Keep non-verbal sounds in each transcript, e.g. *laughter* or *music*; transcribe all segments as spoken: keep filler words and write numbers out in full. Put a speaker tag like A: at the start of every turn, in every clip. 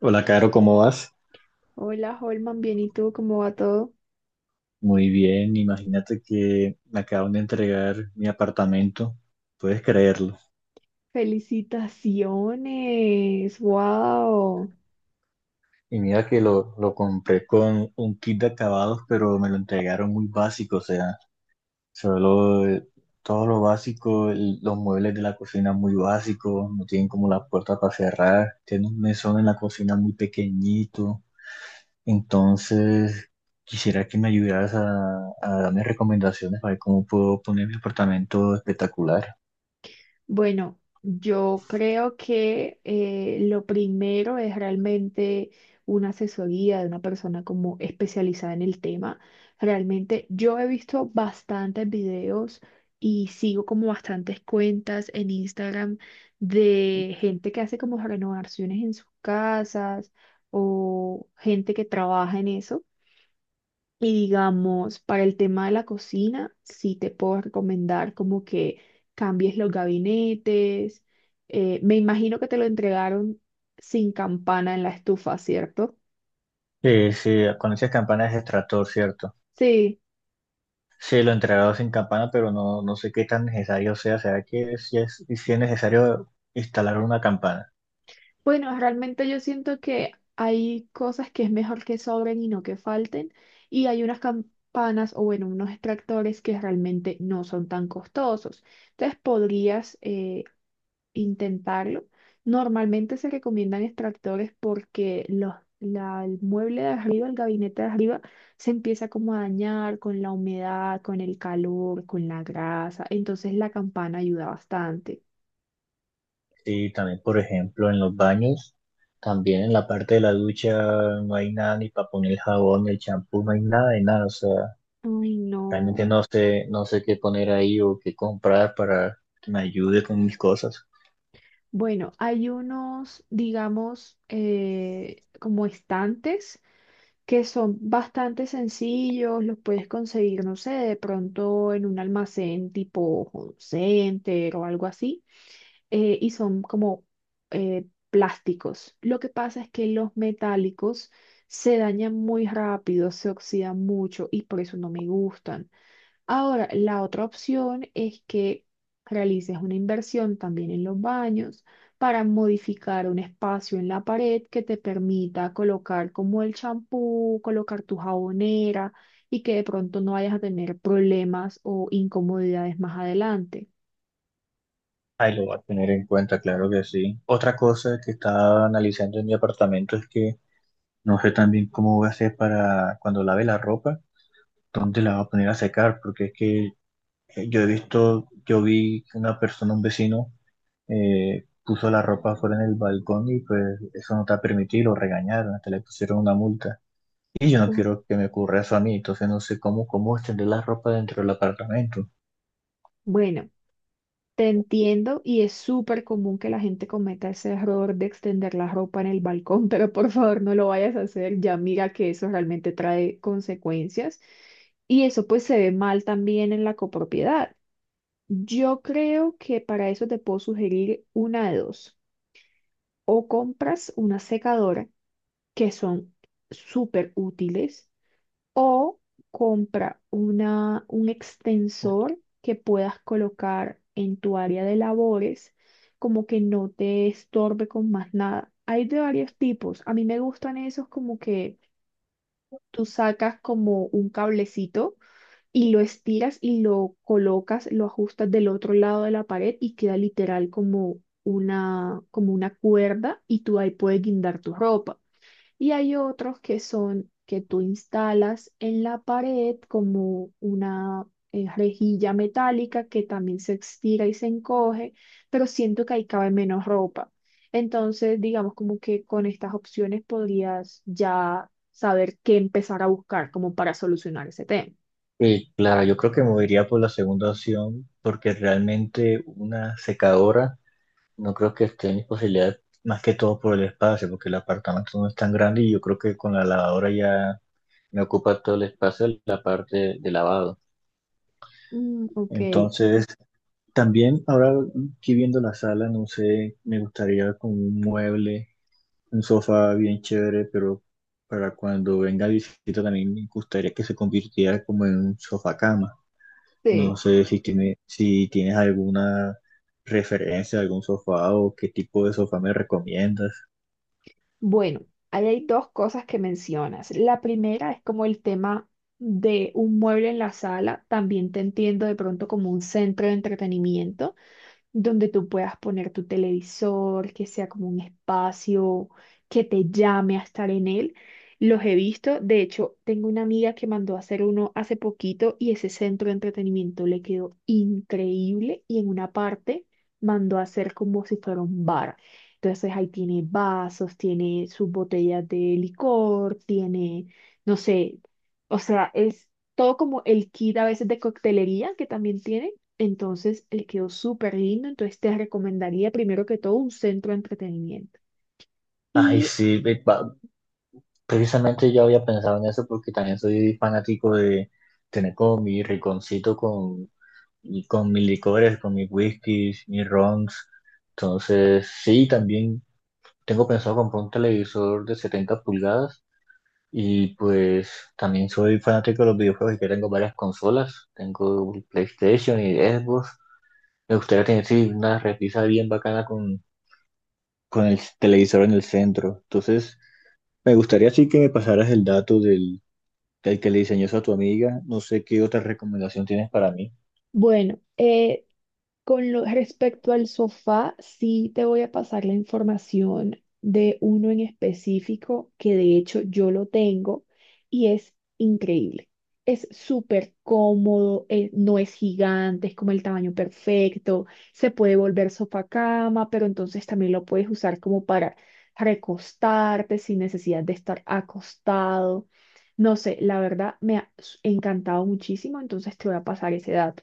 A: Hola, Caro, ¿cómo vas?
B: Hola, Holman, bien, ¿y tú cómo va todo?
A: Muy bien, imagínate que me acaban de entregar mi apartamento, puedes creerlo.
B: Felicitaciones, wow.
A: Y mira que lo, lo compré con un kit de acabados, pero me lo entregaron muy básico, o sea, solo eh, todo lo básico, el- los muebles de la cocina muy básicos, no tienen como la puerta para cerrar, tiene un mesón en la cocina muy pequeñito, entonces quisiera que me ayudaras a, a darme recomendaciones para ver cómo puedo poner mi apartamento espectacular.
B: Bueno, yo creo que eh, lo primero es realmente una asesoría de una persona como especializada en el tema. Realmente yo he visto bastantes videos y sigo como bastantes cuentas en Instagram de gente que hace como renovaciones en sus casas o gente que trabaja en eso. Y digamos, para el tema de la cocina, sí te puedo recomendar como que cambies los gabinetes. Eh, me imagino que te lo entregaron sin campana en la estufa, ¿cierto?
A: Sí, sí, con esas campanas de extractor, ¿cierto?
B: Sí.
A: Sí, lo he entregado sin campana, pero no, no sé qué tan necesario sea. ¿Será que sí es, sí es necesario instalar una campana?
B: Bueno, realmente yo siento que hay cosas que es mejor que sobren y no que falten. Y hay unas campanas o bueno, unos extractores que realmente no son tan costosos. Entonces podrías eh, intentarlo. Normalmente se recomiendan extractores porque los, la- el mueble de arriba, el gabinete de arriba, se empieza como a dañar con la humedad, con el calor, con la grasa. Entonces la campana ayuda bastante.
A: Sí, también, por ejemplo, en los baños, también en la parte de la ducha no hay nada ni para poner el jabón, el champú, no hay nada de nada. O sea,
B: Ay,
A: realmente
B: no.
A: no sé, no sé qué poner ahí o qué comprar para que me ayude con mis cosas.
B: Bueno, hay unos, digamos, eh, como estantes que son bastante sencillos, los puedes conseguir, no sé, de pronto en un almacén tipo Home Center o algo así. eh, y son como eh, plásticos. Lo que pasa es que los metálicos se dañan muy rápido, se oxidan mucho y por eso no me gustan. Ahora, la otra opción es que realices una inversión también en los baños para modificar un espacio en la pared que te permita colocar como el champú, colocar tu jabonera y que de pronto no vayas a tener problemas o incomodidades más adelante.
A: Ahí lo voy a tener en cuenta, claro que sí. Otra cosa que estaba analizando en mi apartamento es que no sé también cómo voy a hacer para cuando lave la ropa, dónde la voy a poner a secar, porque es que eh, yo he visto, yo vi que una persona, un vecino, eh, puso la ropa fuera en el balcón y pues eso no está permitido, lo regañaron, hasta le pusieron una multa. Y yo no
B: Uh,
A: quiero que me ocurra eso a mí, entonces no sé cómo, cómo extender la ropa dentro del apartamento.
B: Bueno. Te entiendo y es súper común que la gente cometa ese error de extender la ropa en el balcón, *laughs* pero por favor no lo vayas a hacer, ya mira que eso realmente trae consecuencias y eso pues se ve mal también en la copropiedad. Yo creo que para eso te puedo sugerir una de dos, o compras una secadora que son súper útiles o compra una, un extensor que puedas colocar en tu área de labores, como que no te estorbe con más nada. Hay de varios tipos. A mí me gustan esos como que tú sacas como un cablecito y lo estiras y lo colocas, lo ajustas del otro lado de la pared y queda literal como una, como una cuerda y tú ahí puedes guindar tu ropa. Y hay otros que son que tú instalas en la pared como una eh, rejilla metálica que también se estira y se encoge, pero siento que ahí cabe menos ropa. Entonces, digamos como que con estas opciones podrías ya saber qué empezar a buscar como para solucionar ese tema.
A: Eh, claro, yo creo que me iría por la segunda opción, porque realmente una secadora no creo que esté en mis posibilidades, más que todo por el espacio, porque el apartamento no es tan grande y yo creo que con la lavadora ya me ocupa todo el espacio la parte de lavado.
B: Mm, ok,
A: Entonces, también ahora aquí viendo la sala, no sé, me gustaría con un mueble, un sofá bien chévere, pero para cuando venga visita también me gustaría que se convirtiera como en un sofá cama. No
B: sí.
A: sé si tiene, si tienes alguna referencia, algún sofá o qué tipo de sofá me recomiendas.
B: Bueno, ahí hay dos cosas que mencionas. La primera es como el tema de un mueble en la sala. También te entiendo de pronto como un centro de entretenimiento donde tú puedas poner tu televisor, que sea como un espacio que te llame a estar en él. Los he visto, de hecho, tengo una amiga que mandó a hacer uno hace poquito y ese centro de entretenimiento le quedó increíble y en una parte mandó a hacer como si fuera un bar. Entonces ahí tiene vasos, tiene sus botellas de licor, tiene, no sé, o sea, es todo como el kit a veces de coctelería que también tiene entonces, él quedó súper lindo. Entonces, te recomendaría primero que todo un centro de entretenimiento.
A: Ay,
B: Y
A: sí, ve- va- precisamente yo había pensado en eso porque también soy fanático de tener como mi rinconcito con, y con mis licores, con mis whiskies, mis rons. Entonces, sí, también tengo pensado comprar un televisor de setenta pulgadas y pues también soy fanático de los videojuegos y que tengo varias consolas. Tengo el PlayStation y Xbox. Me gustaría tener sí, una repisa bien bacana con, con el televisor en el centro. Entonces, me gustaría sí que me pasaras el dato del, del que le diseñó eso a tu amiga. No sé qué otra recomendación tienes para mí.
B: bueno, eh, con lo, respecto al sofá, sí te voy a pasar la información de uno en específico que de hecho yo lo tengo y es increíble. Es súper cómodo, eh, no es gigante, es como el tamaño perfecto, se puede volver sofá cama, pero entonces también lo puedes usar como para recostarte sin necesidad de estar acostado. No sé, la verdad me ha s- encantado muchísimo, entonces te voy a pasar ese dato.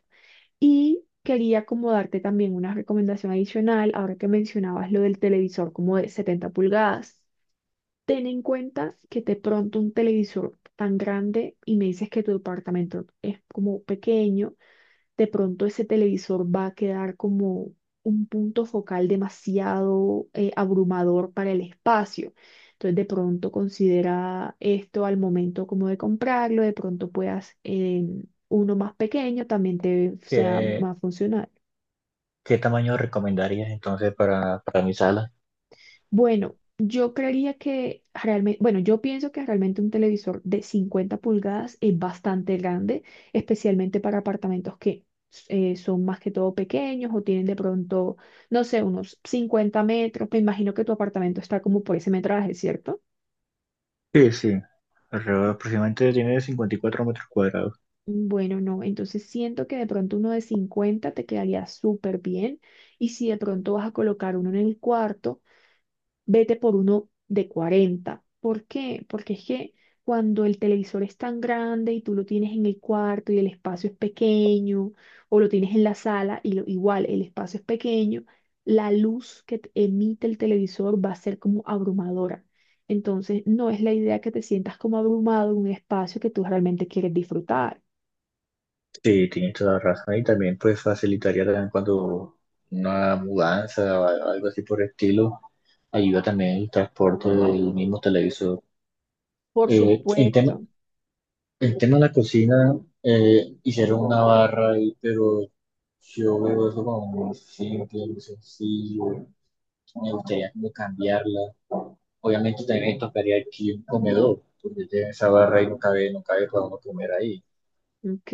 B: Y quería como darte también una recomendación adicional, ahora que mencionabas lo del televisor como de setenta pulgadas. Ten en cuenta que de pronto un televisor tan grande y me dices que tu departamento es como pequeño, de pronto ese televisor va a quedar como un punto focal demasiado eh, abrumador para el espacio. Entonces de pronto considera esto al momento como de comprarlo, de pronto puedas em, uno más pequeño también te sea
A: ¿Qué,
B: más funcional.
A: ¿qué tamaño recomendarías entonces para, para mi sala?
B: Bueno, yo creería que realmente, bueno, yo pienso que realmente un televisor de cincuenta pulgadas es bastante grande, especialmente para apartamentos que eh, son más que todo pequeños o tienen de pronto, no sé, unos cincuenta metros. Me imagino que tu apartamento está como por ese metraje, ¿cierto?
A: Sí, sí. Alrededor aproximadamente tiene cincuenta y cuatro metros cuadrados.
B: Bueno, no, entonces siento que de pronto uno de cincuenta te quedaría súper bien y si de pronto vas a colocar uno en el cuarto. Vete por uno de cuarenta. ¿Por qué? Porque es que cuando el televisor es tan grande y tú lo tienes en el cuarto y el espacio es pequeño, o lo tienes en la sala y lo- igual el espacio es pequeño, la luz que te emite el televisor va a ser como abrumadora. Entonces, no es la idea que te sientas como abrumado en un espacio que tú realmente quieres disfrutar.
A: Sí, tienes toda la razón. Y también pues facilitaría también cuando una mudanza o algo así por el estilo. Ayuda también el transporte del mismo televisor.
B: Por
A: Eh, en tema,
B: supuesto.
A: en tema de la cocina, eh, hicieron una barra ahí, pero yo veo eso como muy simple, muy sencillo. Me gustaría como cambiarla. Obviamente también me tocaría aquí un comedor, porque tiene esa barra y no cabe, no cabe para uno comer ahí.
B: Ok.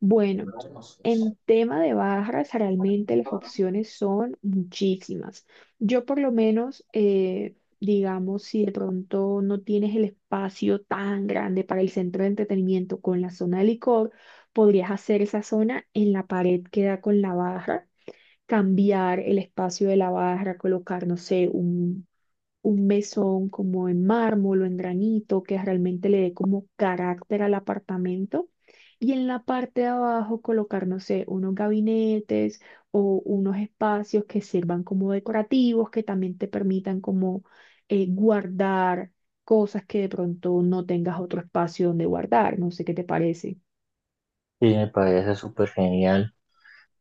B: Bueno,
A: Entonces,
B: en tema de barras, realmente las opciones son muchísimas. Yo por lo menos, eh, digamos, si de pronto no tienes el espacio tan grande para el centro de entretenimiento con la zona de licor, podrías hacer esa zona en la pared que da con la barra cambiar el espacio de la barra, colocar, no sé, un, un mesón como en mármol o en granito que realmente le dé como carácter al apartamento. Y en la parte de abajo colocar, no sé, unos gabinetes o unos espacios que sirvan como decorativos, que también te permitan como eh, guardar cosas que de pronto no tengas otro espacio donde guardar. No sé qué te parece.
A: sí, me parece súper genial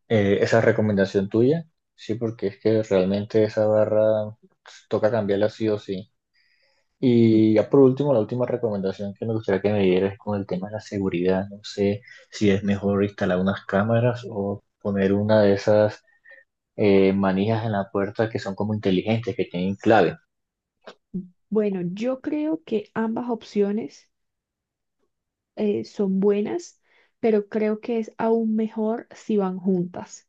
A: eh, esa recomendación tuya. Sí, porque es que realmente esa barra pues, toca cambiarla sí o sí.
B: Mm,
A: Y ya por último, la última recomendación que me gustaría que me dieras es con el tema de la seguridad. No sé si es mejor instalar unas cámaras o poner una de esas eh, manijas en la puerta que son como inteligentes, que tienen clave.
B: mm, Bueno, yo creo que ambas opciones eh, son buenas, pero creo que es aún mejor si van juntas.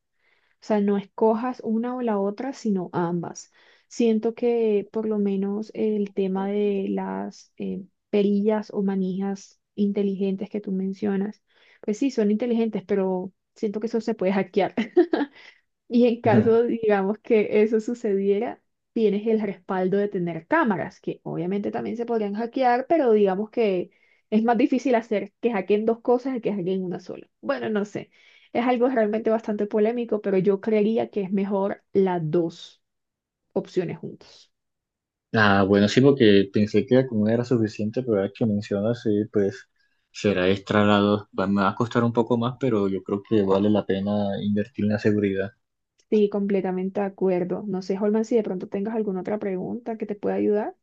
B: O sea, no escojas una o la otra, sino ambas. Siento que por lo menos el tema de las eh, perillas o manijas inteligentes que tú mencionas, pues sí, son inteligentes, pero siento que eso se puede hackear. *laughs* Y en
A: *laughs* Ujú.
B: caso, digamos, que eso sucediera, tienes el respaldo de tener cámaras, que obviamente también se podrían hackear, pero digamos que es más difícil hacer que hackeen dos cosas que hackeen una sola. Bueno, no sé. Es algo realmente bastante polémico, pero yo creería que es mejor las dos opciones juntas.
A: Ah, bueno, sí, porque pensé que con una era suficiente, pero ahora que mencionas, sí, pues será extra la Va- me va a costar un poco más, pero yo creo que vale la pena invertir en la seguridad.
B: Sí, completamente de acuerdo. No sé, Holman, si de pronto tengas alguna otra pregunta que te pueda ayudar.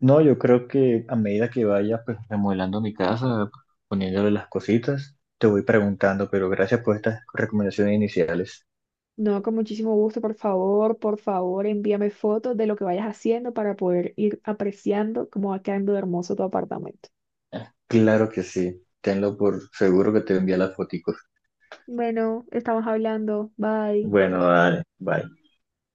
A: No, yo creo que a medida que vaya pues, remodelando mi casa, poniéndole las cositas, te voy preguntando, pero gracias por estas recomendaciones iniciales.
B: No, con muchísimo gusto, por favor, por favor, envíame fotos de lo que vayas haciendo para poder ir apreciando cómo va quedando de hermoso tu apartamento.
A: Claro que sí, tenlo por seguro que te envía las foticos.
B: Bueno, estamos hablando. Bye.
A: Bueno, dale, bye.